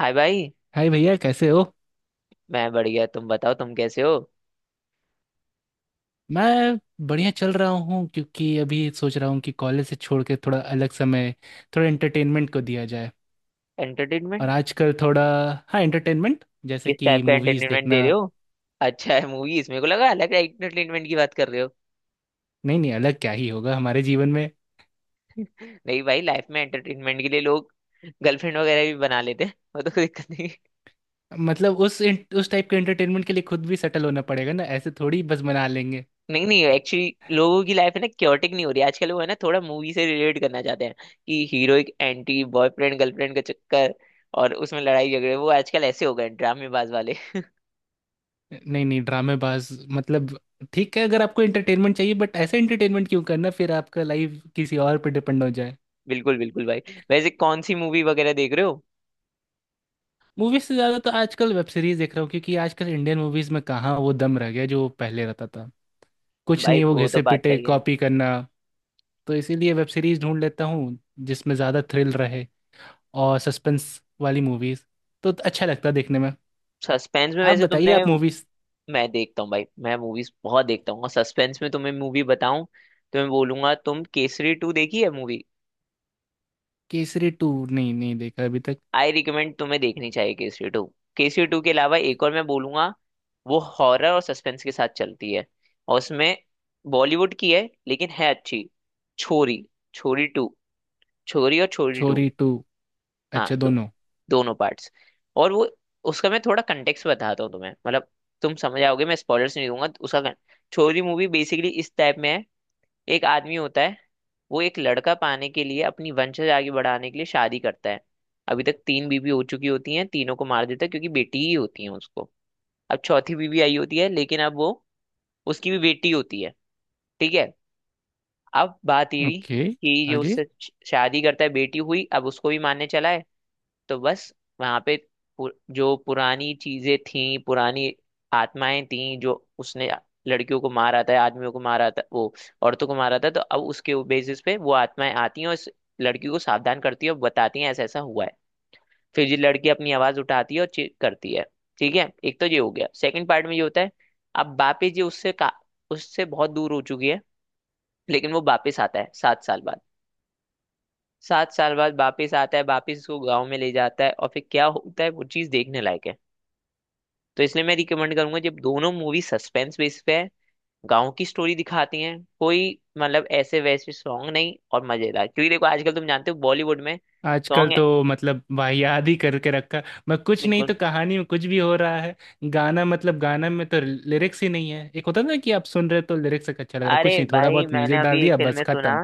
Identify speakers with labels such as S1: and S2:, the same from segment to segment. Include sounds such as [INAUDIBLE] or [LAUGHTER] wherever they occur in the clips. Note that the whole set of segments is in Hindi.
S1: हाय भाई।
S2: हाय भैया, कैसे हो।
S1: मैं बढ़िया, तुम बताओ, तुम कैसे हो?
S2: मैं बढ़िया चल रहा हूँ क्योंकि अभी सोच रहा हूँ कि कॉलेज से छोड़ के थोड़ा अलग समय, थोड़ा एंटरटेनमेंट को दिया जाए। और
S1: एंटरटेनमेंट?
S2: आजकल थोड़ा, हाँ, एंटरटेनमेंट जैसे
S1: किस
S2: कि
S1: टाइप का
S2: मूवीज
S1: एंटरटेनमेंट दे
S2: देखना।
S1: रहे हो? अच्छा है, मूवीज। मेरे को लगा अलग एंटरटेनमेंट की बात कर रहे हो।
S2: नहीं नहीं, अलग क्या ही होगा हमारे जीवन में।
S1: [LAUGHS] नहीं भाई, लाइफ में एंटरटेनमेंट के लिए लोग गर्लफ्रेंड वगैरह भी बना लेते हैं, वो तो कोई दिक्कत नहीं है।
S2: मतलब उस टाइप के एंटरटेनमेंट के लिए खुद भी सेटल होना पड़ेगा ना, ऐसे थोड़ी बस मना लेंगे।
S1: नहीं नहीं, एक्चुअली लोगों की लाइफ है ना, क्योटिक नहीं हो रही आजकल, वो है ना थोड़ा मूवी से रिलेट करना चाहते हैं कि हीरो एक एंटी, बॉयफ्रेंड गर्लफ्रेंड का चक्कर, और उसमें लड़ाई झगड़े वो आजकल ऐसे हो गए हैं, ड्रामेबाज वाले।
S2: नहीं नहीं ड्रामेबाज। मतलब ठीक है, अगर आपको एंटरटेनमेंट चाहिए बट ऐसे एंटरटेनमेंट क्यों करना, फिर आपका लाइफ किसी और पे डिपेंड हो जाए।
S1: [LAUGHS] बिल्कुल बिल्कुल भाई। वैसे कौन सी मूवी वगैरह देख रहे हो?
S2: मूवीज से ज्यादा तो आजकल वेब सीरीज देख रहा हूँ, क्योंकि आजकल इंडियन मूवीज में कहाँ वो दम रह गया जो पहले रहता था। कुछ
S1: भाई
S2: नहीं, वो
S1: वो तो
S2: घिसे
S1: बात
S2: पिटे
S1: सही है।
S2: कॉपी करना। तो इसीलिए वेब सीरीज ढूंढ लेता हूँ जिसमें ज्यादा थ्रिल रहे और सस्पेंस वाली मूवीज, तो अच्छा लगता है देखने में।
S1: सस्पेंस में
S2: आप
S1: वैसे
S2: बताइए,
S1: तुमने...
S2: आप मूवीज।
S1: मैं देखता हूँ भाई, मैं मूवीज बहुत देखता हूँ, और सस्पेंस में तुम्हें मूवी बताऊं तो मैं बोलूंगा, तुम केसरी टू देखी है मूवी?
S2: केसरी टू नहीं नहीं देखा अभी तक।
S1: आई रिकमेंड, तुम्हें देखनी चाहिए केसरी टू। केसरी टू के अलावा एक और मैं बोलूंगा। वो हॉरर और सस्पेंस के साथ चलती है, और उसमें बॉलीवुड की है लेकिन है अच्छी। छोरी। छोरी टू। छोरी और छोरी टू।
S2: छोरी टू,
S1: हाँ,
S2: अच्छा दोनों।
S1: दोनों पार्ट्स। और वो, उसका मैं थोड़ा कंटेक्स्ट बताता हूँ तुम्हें, मतलब तुम समझ आओगे, मैं स्पॉयलर्स नहीं दूंगा उसका छोरी मूवी बेसिकली इस टाइप में है। एक आदमी होता है, वो एक लड़का पाने के लिए अपनी वंशज आगे बढ़ाने के लिए शादी करता है। अभी तक तीन बीवी हो चुकी होती हैं, तीनों को मार देता है क्योंकि बेटी ही होती है उसको। अब चौथी बीवी आई होती है लेकिन अब वो, उसकी भी बेटी होती है। ठीक है। अब बात ये हुई
S2: ओके।
S1: कि जो
S2: आगे।
S1: उससे शादी करता है, बेटी हुई, अब उसको भी मारने चला है। तो बस वहां पे जो पुरानी चीजें थी, पुरानी आत्माएं थी जो उसने लड़कियों को मारा था, आदमियों को मारा था, वो औरतों को मारा था, तो अब उसके बेसिस पे वो आत्माएं आती हैं और इस लड़की को सावधान करती है और बताती हैं ऐसा ऐसा हुआ है। फिर ये लड़की अपनी आवाज उठाती है और चीख करती है। ठीक है, एक तो ये हो गया। सेकंड पार्ट में ये होता है, अब बापी जी उससे का, उससे बहुत दूर हो चुकी है, लेकिन वो वापिस आता है 7 साल बाद। 7 साल बाद वापिस आता है, वापिस उसको गाँव में ले जाता है, और फिर क्या होता है वो चीज देखने लायक है। तो इसलिए मैं रिकमेंड करूंगा, जब दोनों मूवी सस्पेंस बेस पे है, गाँव की स्टोरी दिखाती हैं, कोई मतलब ऐसे वैसे सॉन्ग नहीं, और मजेदार, क्योंकि देखो आजकल तुम जानते हो बॉलीवुड में
S2: आजकल
S1: सॉन्ग है।
S2: तो मतलब वाहियात ही करके रखा। मैं कुछ नहीं,
S1: बिल्कुल।
S2: तो कहानी में कुछ भी हो रहा है। गाना, मतलब गाना में तो लिरिक्स ही नहीं है। एक होता ना कि आप सुन रहे हो तो लिरिक्स एक अच्छा लग रहा है,
S1: अरे
S2: कुछ नहीं, थोड़ा
S1: भाई
S2: बहुत
S1: मैंने
S2: म्यूजिक
S1: अभी
S2: डाल
S1: एक
S2: दिया,
S1: फिल्म
S2: बस
S1: में सुना,
S2: खत्म।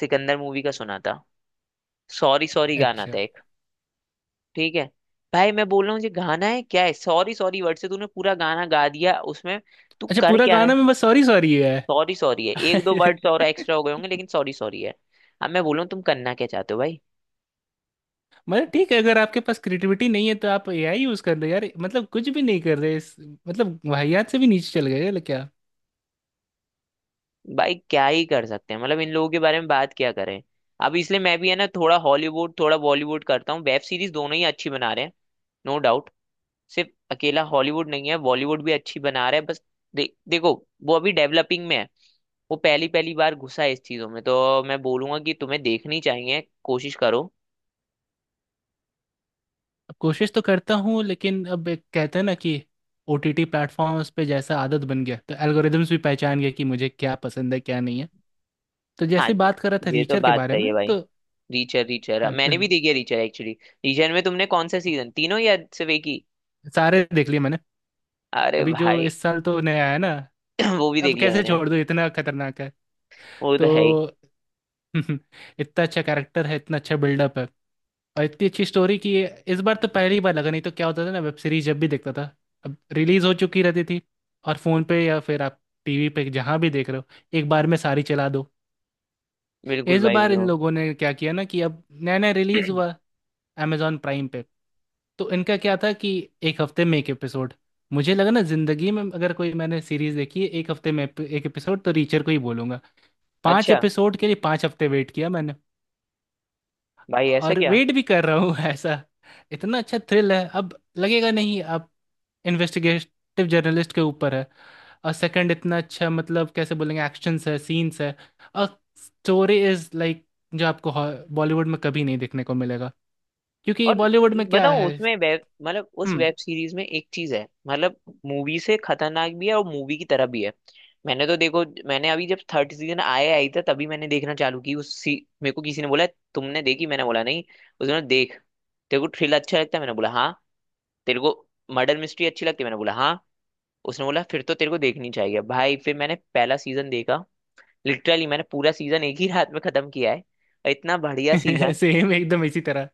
S1: सिकंदर मूवी का सुना था, सॉरी सॉरी गाना था
S2: अच्छा।
S1: एक। ठीक है भाई, मैं बोल रहा हूँ ये गाना है क्या है, सॉरी सॉरी वर्ड से तूने पूरा गाना गा दिया उसमें। तू
S2: अच्छा
S1: कर
S2: पूरा
S1: क्या रहा
S2: गाना
S1: है?
S2: में बस सॉरी सॉरी है।
S1: सॉरी सॉरी है, एक दो वर्ड्स और
S2: [LAUGHS]
S1: एक्स्ट्रा हो गए होंगे लेकिन सॉरी सॉरी है। अब मैं बोलूँ तुम करना क्या चाहते हो भाई?
S2: मतलब ठीक है, अगर आपके पास क्रिएटिविटी नहीं है तो आप एआई यूज कर लो यार, मतलब कुछ भी नहीं कर रहे इस-। मतलब वाहियात से भी नीचे चल गए क्या।
S1: भाई क्या ही कर सकते हैं, मतलब इन लोगों के बारे में बात क्या करें। अब इसलिए मैं भी है ना थोड़ा हॉलीवुड थोड़ा बॉलीवुड करता हूँ, वेब सीरीज दोनों ही अच्छी बना रहे हैं। No doubt. सिर्फ अकेला हॉलीवुड नहीं है, बॉलीवुड भी अच्छी बना रहा है। बस देखो, वो अभी डेवलपिंग में है। वो पहली पहली बार घुसा है इस चीजों में, तो मैं बोलूंगा कि तुम्हें देखनी चाहिए, कोशिश करो।
S2: कोशिश तो करता हूँ, लेकिन अब एक कहते हैं ना कि ओटीटी प्लेटफॉर्म्स पे जैसा आदत बन गया तो एल्गोरिदम्स भी पहचान गए कि मुझे क्या पसंद है, क्या नहीं है। तो
S1: हाँ,
S2: जैसे बात कर रहा था
S1: ये तो
S2: रीचर के
S1: बात
S2: बारे
S1: सही है
S2: में,
S1: भाई।
S2: तो
S1: रीचर रीचर
S2: हाँ,
S1: मैंने भी देखी है, रीचर एक्चुअली। रीचर में तुमने कौन सा सीजन, तीनों या सिर्फ एक ही?
S2: सारे देख लिए मैंने।
S1: अरे
S2: अभी जो
S1: भाई।
S2: इस साल तो नया आया ना,
S1: [CLEARS THROAT] वो भी
S2: अब
S1: देख लिया
S2: कैसे
S1: मैंने।
S2: छोड़ दूँ, इतना खतरनाक है।
S1: वो तो है ही।
S2: तो [LAUGHS] इतना अच्छा कैरेक्टर है, इतना अच्छा बिल्डअप है, और इतनी अच्छी स्टोरी कि ये। इस बार तो पहली बार लगा, नहीं तो क्या होता था ना, वेब सीरीज जब भी देखता था अब रिलीज हो चुकी रहती थी, और फोन पे या फिर आप टीवी पे जहां भी देख रहे हो, एक बार में सारी चला दो।
S1: बिल्कुल
S2: इस
S1: भाई
S2: बार इन
S1: बिल्कुल।
S2: लोगों ने क्या किया ना कि अब नया नया रिलीज हुआ amazon प्राइम पे, तो इनका क्या था कि एक हफ्ते में एक एपिसोड। मुझे लगा ना, जिंदगी में अगर कोई मैंने सीरीज देखी है एक हफ्ते में एक एपिसोड, तो रीचर को ही बोलूंगा।
S1: [CLEARS THROAT]
S2: पांच
S1: अच्छा।
S2: एपिसोड के लिए 5 हफ्ते वेट किया मैंने,
S1: भाई ऐसा
S2: और
S1: क्या?
S2: वेट भी कर रहा हूँ। [LAUGHS] ऐसा इतना अच्छा थ्रिल है। अब लगेगा नहीं, आप, इन्वेस्टिगेटिव जर्नलिस्ट के ऊपर है। और सेकंड इतना अच्छा, मतलब कैसे बोलेंगे, एक्शंस है, सीन्स है, और स्टोरी इज लाइक जो आपको बॉलीवुड में कभी नहीं देखने को मिलेगा, क्योंकि
S1: और
S2: बॉलीवुड में क्या
S1: बताऊं
S2: है।
S1: उसमें, वेब मतलब उस
S2: हम्म।
S1: वेब सीरीज में एक चीज है, मतलब मूवी से खतरनाक भी है और मूवी की तरह भी है। मैंने तो देखो मैंने अभी जब थर्ड सीजन आया आई था तभी मैंने देखना चालू की उस सी मेरे को किसी ने बोला तुमने देखी, मैंने बोला नहीं। उसने बोला, देख, तेरे को थ्रिलर अच्छा लगता है, मैंने बोला हाँ। तेरे को मर्डर मिस्ट्री अच्छी लगती है, मैंने बोला हाँ। उसने बोला, फिर तो तेरे को देखनी चाहिए भाई। फिर मैंने पहला सीजन देखा। लिटरली मैंने पूरा सीजन एक ही रात में खत्म किया है, और इतना बढ़िया
S2: [LAUGHS]
S1: सीजन।
S2: सेम एकदम इसी तरह।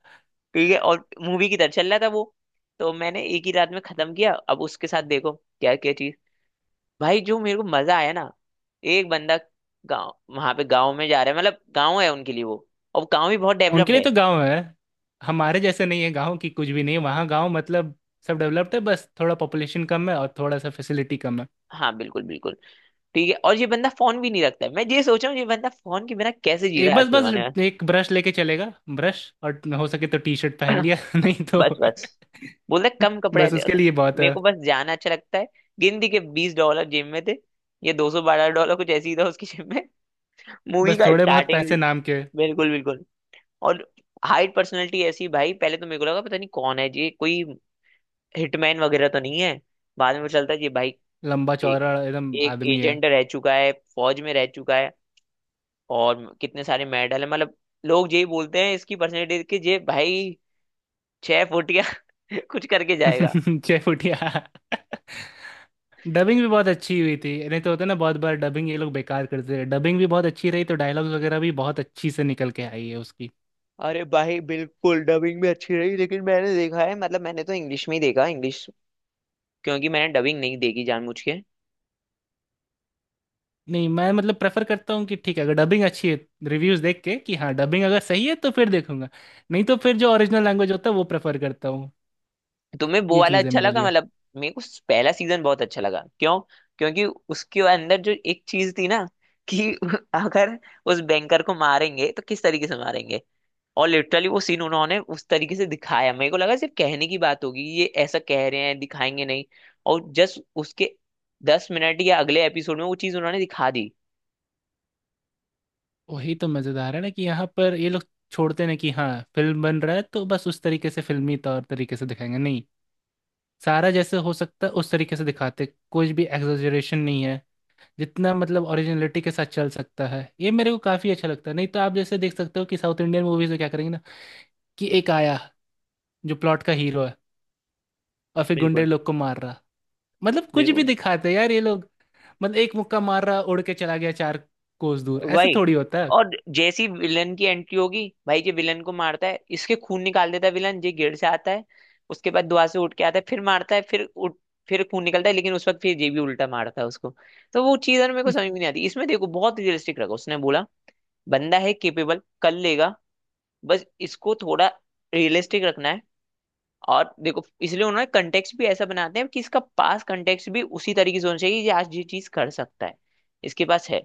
S1: ठीक है, और मूवी की तरह चल रहा था वो, तो मैंने एक ही रात में खत्म किया। अब उसके साथ देखो क्या क्या चीज। भाई जो मेरे को मजा आया ना, एक बंदा गाँव, वहां पे गाँव में जा रहा है, मतलब गाँव है उनके लिए वो, और गाँव भी बहुत
S2: उनके
S1: डेवलप्ड
S2: लिए
S1: है।
S2: तो गांव है, हमारे जैसे नहीं है। गांव की कुछ भी नहीं है वहाँ, गांव मतलब सब डेवलप्ड है, बस थोड़ा पॉपुलेशन कम है और थोड़ा सा फैसिलिटी कम है।
S1: हाँ बिल्कुल बिल्कुल। ठीक है, और ये बंदा फोन भी नहीं रखता है, मैं ये सोच रहा हूँ ये बंदा फोन के बिना कैसे जी रहा
S2: एक
S1: है आज
S2: बस
S1: के जमाने में।
S2: बस एक ब्रश लेके चलेगा, ब्रश, और हो सके तो टी शर्ट पहन लिया। [LAUGHS] नहीं तो
S1: बस बस बोल रहा है, कम कपड़े हैं
S2: बस
S1: तेरे-
S2: उसके
S1: पास।
S2: लिए बहुत
S1: मेरे
S2: है,
S1: को बस जाना अच्छा लगता है, गिनती के $20 जेब में थे। ये $212 कुछ ऐसे ही था उसकी जेब में। [LAUGHS] मूवी
S2: बस
S1: का
S2: थोड़े बहुत
S1: स्टार्टिंग।
S2: पैसे नाम के।
S1: बिल्कुल बिल्कुल। और हाइट पर्सनैलिटी ऐसी भाई, पहले तो मेरे को लगा पता नहीं कौन है ये, कोई हिटमैन वगैरह तो नहीं है। बाद में पता चलता है ये भाई
S2: लंबा
S1: एक
S2: चौड़ा एकदम
S1: एक
S2: आदमी है।
S1: एजेंट रह चुका है, फौज में रह चुका है, और कितने सारे मेडल है, मतलब लोग यही बोलते हैं इसकी पर्सनैलिटी, कि ये भाई छह फुटिया [LAUGHS] कुछ करके जाएगा।
S2: [LAUGHS] छह फुटिया। डबिंग भी बहुत अच्छी हुई थी, नहीं तो होता है ना, बहुत बार डबिंग ये लोग बेकार करते हैं। डबिंग भी बहुत अच्छी रही, तो डायलॉग्स वगैरह भी बहुत अच्छी से निकल के आई है उसकी।
S1: अरे भाई बिल्कुल, डबिंग भी अच्छी रही, लेकिन मैंने देखा है मतलब मैंने तो इंग्लिश में ही देखा इंग्लिश, क्योंकि मैंने डबिंग नहीं देखी जानबूझ के।
S2: नहीं, मैं मतलब प्रेफर करता हूँ कि ठीक है, अगर डबिंग अच्छी है, रिव्यूज देख के कि हाँ, डबिंग अगर सही है तो फिर देखूंगा, नहीं तो फिर जो ओरिजिनल लैंग्वेज होता है वो प्रेफर करता।
S1: तुम्हें वो
S2: ये
S1: वाला
S2: चीज़ है
S1: अच्छा
S2: मेरे
S1: लगा,
S2: लिए।
S1: मतलब मेरे को पहला सीजन बहुत अच्छा लगा क्यों? क्योंकि उसके अंदर जो एक चीज थी ना, कि [LAUGHS] अगर उस बैंकर को मारेंगे तो किस तरीके से मारेंगे, और लिटरली वो सीन उन्होंने उस तरीके से दिखाया। मेरे को लगा सिर्फ कहने की बात होगी, ये ऐसा कह रहे हैं दिखाएंगे नहीं, और जस्ट उसके 10 मिनट या अगले एपिसोड में वो चीज उन्होंने दिखा दी।
S2: वही तो मज़ेदार है ना, कि यहाँ पर ये लोग छोड़ते नहीं कि हाँ, फिल्म बन रहा है तो बस उस तरीके से फिल्मी तौर तरीके से दिखाएंगे, नहीं। सारा जैसे हो सकता है उस तरीके से दिखाते, कुछ भी एग्जैजरेशन नहीं है। जितना मतलब ओरिजिनलिटी के साथ चल सकता है, ये मेरे को काफ़ी अच्छा लगता है। नहीं तो आप जैसे देख सकते हो कि साउथ इंडियन मूवीज़ में क्या करेंगे ना, कि एक आया जो प्लॉट का हीरो है और फिर गुंडे
S1: बिल्कुल
S2: लोग को मार रहा। मतलब कुछ भी
S1: बिल्कुल।
S2: दिखाते हैं यार ये लोग। मतलब एक मुक्का मार रहा, उड़ के चला गया 4 कोस दूर, ऐसे
S1: वही,
S2: थोड़ी होता है।
S1: और जैसी विलन की एंट्री होगी भाई, ये विलन को मारता है, इसके खून निकाल देता है, विलन ये गिर जाता है, उसके बाद दुआ से उठ के आता है, फिर मारता है, फिर उठ, फिर खून निकलता है, लेकिन उस वक्त फिर ये भी उल्टा मारता है उसको। तो वो चीज मेरे को समझ में नहीं आती। इसमें देखो बहुत रियलिस्टिक रखा उसने, बोला बंदा है केपेबल, कर लेगा, बस इसको थोड़ा रियलिस्टिक रखना है। और देखो, इसलिए उन्होंने कंटेक्स्ट भी ऐसा बनाते हैं कि इसका पास कंटेक्स्ट भी उसी तरीके से होना चाहिए, ये आज ये चीज कर सकता है, इसके पास है,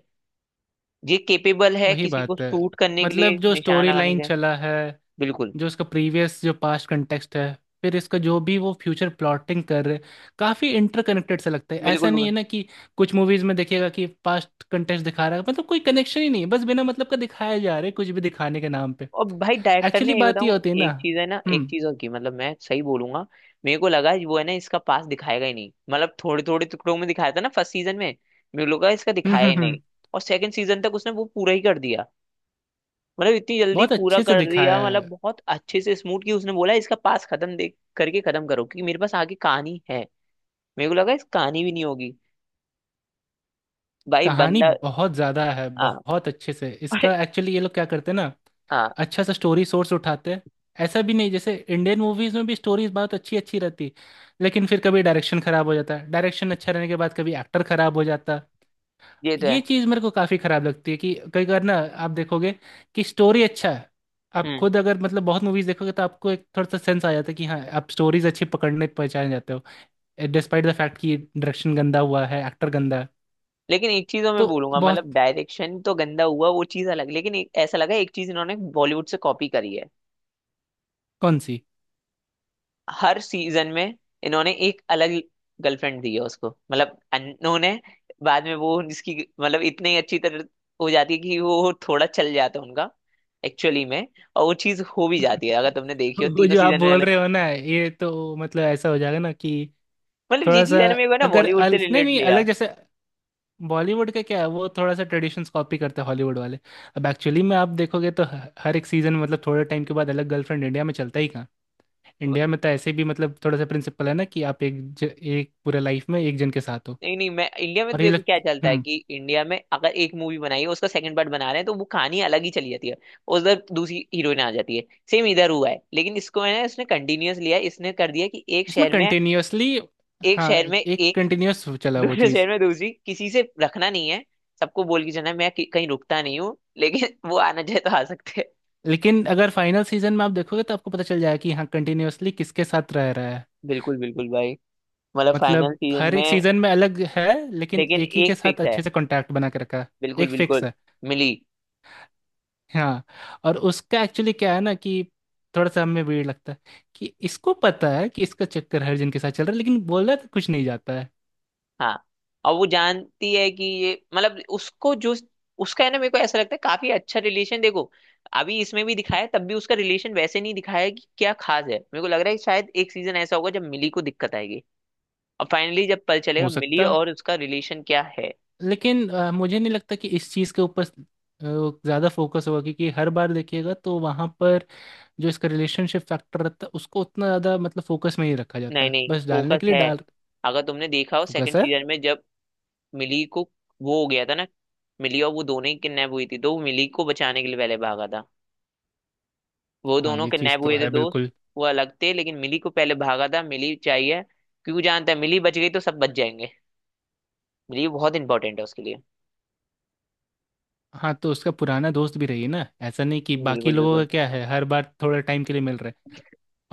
S1: ये केपेबल है
S2: वही
S1: किसी को
S2: बात है,
S1: शूट करने के लिए,
S2: मतलब जो
S1: निशान
S2: स्टोरी
S1: लगाने के
S2: लाइन
S1: लिए।
S2: चला है,
S1: बिल्कुल
S2: जो उसका प्रीवियस जो पास्ट कंटेक्स्ट है, फिर इसका जो भी वो फ्यूचर प्लॉटिंग कर रहे, काफ़ी इंटरकनेक्टेड सा लगता है। ऐसा
S1: बिल्कुल
S2: नहीं
S1: बिल्कुल।
S2: है ना कि कुछ मूवीज़ में देखिएगा कि पास्ट कंटेक्स्ट दिखा रहा है, मतलब कोई कनेक्शन ही नहीं है, बस बिना मतलब का दिखाया जा रहा है, कुछ भी दिखाने के नाम पे।
S1: और भाई डायरेक्टर
S2: एक्चुअली
S1: ने ये
S2: बात ये
S1: बताऊं,
S2: होती है ना।
S1: एक चीज है ना, एक
S2: हम्म,
S1: चीज और की, मतलब मैं सही बोलूंगा, मेरे को लगा वो है ना इसका पास दिखाएगा ही नहीं, मतलब थोड़े थोड़े टुकड़ों में दिखाया था ना फर्स्ट सीजन में। मेरे को लगा इसका
S2: हम्म,
S1: दिखाया
S2: हम्म,
S1: ही
S2: हम्म।
S1: नहीं, और सेकंड सीजन तक उसने वो पूरा ही कर दिया, मतलब इतनी जल्दी
S2: बहुत
S1: पूरा
S2: अच्छे से
S1: कर दिया,
S2: दिखाया
S1: मतलब
S2: है।
S1: बहुत अच्छे से स्मूथ की, उसने बोला इसका पास खत्म देख करके खत्म करो क्योंकि मेरे पास आगे कहानी है। मेरे को लगा इस कहानी भी नहीं होगी। भाई
S2: कहानी
S1: बंदा।
S2: बहुत ज़्यादा है,
S1: हाँ।
S2: बहुत अच्छे से इसका,
S1: [LAUGHS]
S2: एक्चुअली ये लोग क्या करते हैं ना,
S1: हाँ।
S2: अच्छा सा स्टोरी सोर्स उठाते हैं। ऐसा भी नहीं, जैसे इंडियन मूवीज में भी स्टोरीज बहुत अच्छी अच्छी रहती, लेकिन फिर कभी डायरेक्शन खराब हो जाता है, डायरेक्शन अच्छा रहने के बाद कभी एक्टर खराब हो जाता।
S1: ये तो
S2: ये
S1: है।
S2: चीज़ मेरे को काफ़ी खराब लगती है, कि कई बार ना आप देखोगे कि स्टोरी अच्छा है, आप
S1: हम्म।
S2: खुद अगर मतलब बहुत मूवीज देखोगे तो आपको एक थोड़ा सा सेंस आ जाता है कि हाँ, आप स्टोरीज अच्छी पकड़ने पहचान जाते हो, डिस्पाइट द फैक्ट कि डायरेक्शन गंदा हुआ है, एक्टर गंदा है।
S1: लेकिन एक चीज और मैं
S2: तो
S1: बोलूंगा,
S2: बहुत।
S1: मतलब डायरेक्शन तो गंदा हुआ वो चीज अलग, लेकिन एक, ऐसा लगा एक चीज इन्होंने बॉलीवुड से कॉपी करी है,
S2: कौन सी।
S1: हर सीजन में इन्होंने एक अलग गर्लफ्रेंड दी है उसको, मतलब इन्होंने बाद में वो इसकी मतलब इतनी अच्छी तरह हो जाती है कि वो थोड़ा चल जाता है उनका एक्चुअली में। और वो चीज हो भी जाती है, अगर
S2: [LAUGHS]
S1: तुमने देखी हो
S2: वो
S1: तीनों
S2: जो आप
S1: सीजन में
S2: बोल
S1: अलग,
S2: रहे हो ना, ये तो मतलब ऐसा हो जाएगा ना कि
S1: मतलब ये
S2: थोड़ा सा,
S1: चीज है ना, मेरे को ना
S2: अगर
S1: बॉलीवुड से
S2: अल, नहीं
S1: रिलेट
S2: नहीं
S1: लिया।
S2: अलग जैसे, बॉलीवुड का क्या है, वो थोड़ा सा ट्रेडिशंस कॉपी करते हैं हॉलीवुड वाले। अब एक्चुअली में आप देखोगे तो हर एक सीजन, मतलब थोड़े टाइम के बाद अलग गर्लफ्रेंड, इंडिया में चलता ही कहाँ। इंडिया में तो ऐसे भी मतलब थोड़ा सा प्रिंसिपल है ना, कि आप एक पूरे लाइफ में एक जन के साथ हो।
S1: नहीं नहीं, मैं इंडिया में तो
S2: और ये
S1: देखो
S2: लग।
S1: क्या चलता है
S2: हम्म।
S1: कि इंडिया में अगर एक मूवी बनाई है उसका सेकंड पार्ट बना रहे हैं तो वो कहानी अलग ही चली जाती है, उधर दूसरी हीरोइन आ जाती है। सेम इधर हुआ है, लेकिन इसको है ना इसने कंटिन्यूअस लिया है, इसने कर दिया कि एक
S2: इसमें
S1: शहर में
S2: कंटिन्यूअसली।
S1: एक
S2: हाँ,
S1: शहर में
S2: एक
S1: एक
S2: कंटिन्यूअस चला वो
S1: दूसरे
S2: चीज़।
S1: शहर में दूसरी किसी से रखना नहीं है, सबको बोल के जाना है, मैं कहीं रुकता नहीं हूँ लेकिन [LAUGHS] वो आना चाहे तो आ सकते हैं।
S2: लेकिन अगर फाइनल सीजन में आप देखोगे तो आपको पता चल जाएगा कि हाँ, कंटिन्यूअसली किसके साथ रह रहा है।
S1: बिल्कुल बिल्कुल भाई, मतलब
S2: मतलब
S1: फाइनल सीजन
S2: हर एक
S1: में
S2: सीजन में अलग है, लेकिन
S1: लेकिन
S2: एक ही के
S1: एक
S2: साथ
S1: फिक्स है।
S2: अच्छे से कांटेक्ट बना के रखा है।
S1: बिल्कुल
S2: एक फिक्स
S1: बिल्कुल।
S2: है।
S1: मिली।
S2: हाँ। और उसका एक्चुअली क्या है ना, कि थोड़ा सा हमें वीर लगता है कि इसको पता है कि इसका चक्कर हर जन के साथ चल रहा है, लेकिन बोल रहा है तो कुछ नहीं जाता है।
S1: हाँ। और वो जानती है कि ये मतलब उसको जो, उसका है ना, मेरे को ऐसा लगता है काफी अच्छा रिलेशन देखो, अभी इसमें भी दिखाया है, तब भी उसका रिलेशन वैसे नहीं दिखाया है कि क्या खास है, मेरे को लग रहा है कि शायद एक सीजन ऐसा होगा जब मिली को दिक्कत आएगी, और फाइनली जब पता चलेगा
S2: हो
S1: मिली
S2: सकता है।
S1: और उसका रिलेशन क्या है।
S2: लेकिन मुझे नहीं लगता कि इस चीज़ के ऊपर ज़्यादा फोकस होगा, क्योंकि हर बार देखिएगा तो वहाँ पर जो इसका रिलेशनशिप फैक्टर रहता है उसको उतना ज़्यादा मतलब फोकस में ही रखा जाता
S1: नहीं
S2: है,
S1: नहीं
S2: बस डालने
S1: फोकस
S2: के लिए
S1: है,
S2: डाल।
S1: अगर तुमने देखा हो
S2: फोकस
S1: सेकंड
S2: है।
S1: सीजन में जब मिली को वो हो गया था ना, मिली और वो दोनों ही किडनैप हुई थी, तो वो मिली को बचाने के लिए पहले भागा था। वो
S2: हाँ,
S1: दोनों
S2: ये चीज़
S1: किडनैप
S2: तो
S1: हुए थे
S2: है
S1: दोस्त,
S2: बिल्कुल।
S1: वो अलग थे, लेकिन मिली को पहले भागा था, मिली चाहिए क्यों, जानता है मिली बच गई तो सब बच जाएंगे, मिली बहुत इंपॉर्टेंट है उसके लिए।
S2: हाँ, तो उसका पुराना दोस्त भी रही है ना, ऐसा नहीं कि बाकी
S1: बिल्कुल
S2: लोगों का
S1: बिल्कुल
S2: क्या है, हर बार थोड़ा टाइम के लिए मिल रहे हैं।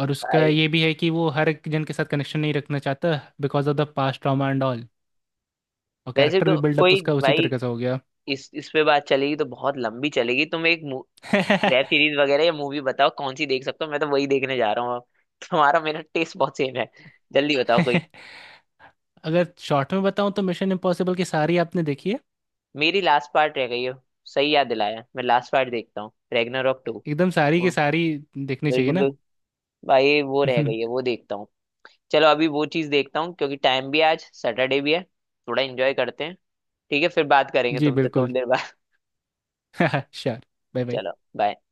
S2: और उसका
S1: भाई।
S2: ये भी है कि वो हर एक जन के साथ कनेक्शन नहीं रखना चाहता, because of the past trauma and all. और
S1: वैसे
S2: कैरेक्टर भी
S1: तो
S2: बिल्डअप
S1: कोई
S2: उसका उसी
S1: भाई,
S2: तरीके से हो गया।
S1: इस पे बात चलेगी तो बहुत लंबी चलेगी। तुम एक वेब
S2: [LAUGHS]
S1: सीरीज वगैरह या मूवी बताओ कौन सी देख सकते हो, मैं तो वही देखने जा रहा हूँ अब। तुम्हारा मेरा टेस्ट बहुत सेम है, जल्दी बताओ कोई।
S2: अगर शॉर्ट में बताऊं तो मिशन इम्पॉसिबल की सारी आपने देखी है,
S1: मेरी लास्ट पार्ट रह गई है, सही याद दिलाया, मैं लास्ट पार्ट देखता हूँ, रैग्नारॉक टू।
S2: एकदम सारी की सारी देखनी चाहिए
S1: बिल्कुल
S2: ना।
S1: बिल्कुल भाई, वो रह गई है
S2: [LAUGHS]
S1: वो देखता हूँ। चलो अभी वो चीज देखता हूँ क्योंकि टाइम भी है, आज सैटरडे भी है, थोड़ा एंजॉय करते हैं। ठीक है, फिर बात करेंगे
S2: जी
S1: तुमसे
S2: बिल्कुल।
S1: थोड़ी देर बाद। [LAUGHS]
S2: [LAUGHS] श्योर। Bye bye.
S1: चलो बाय।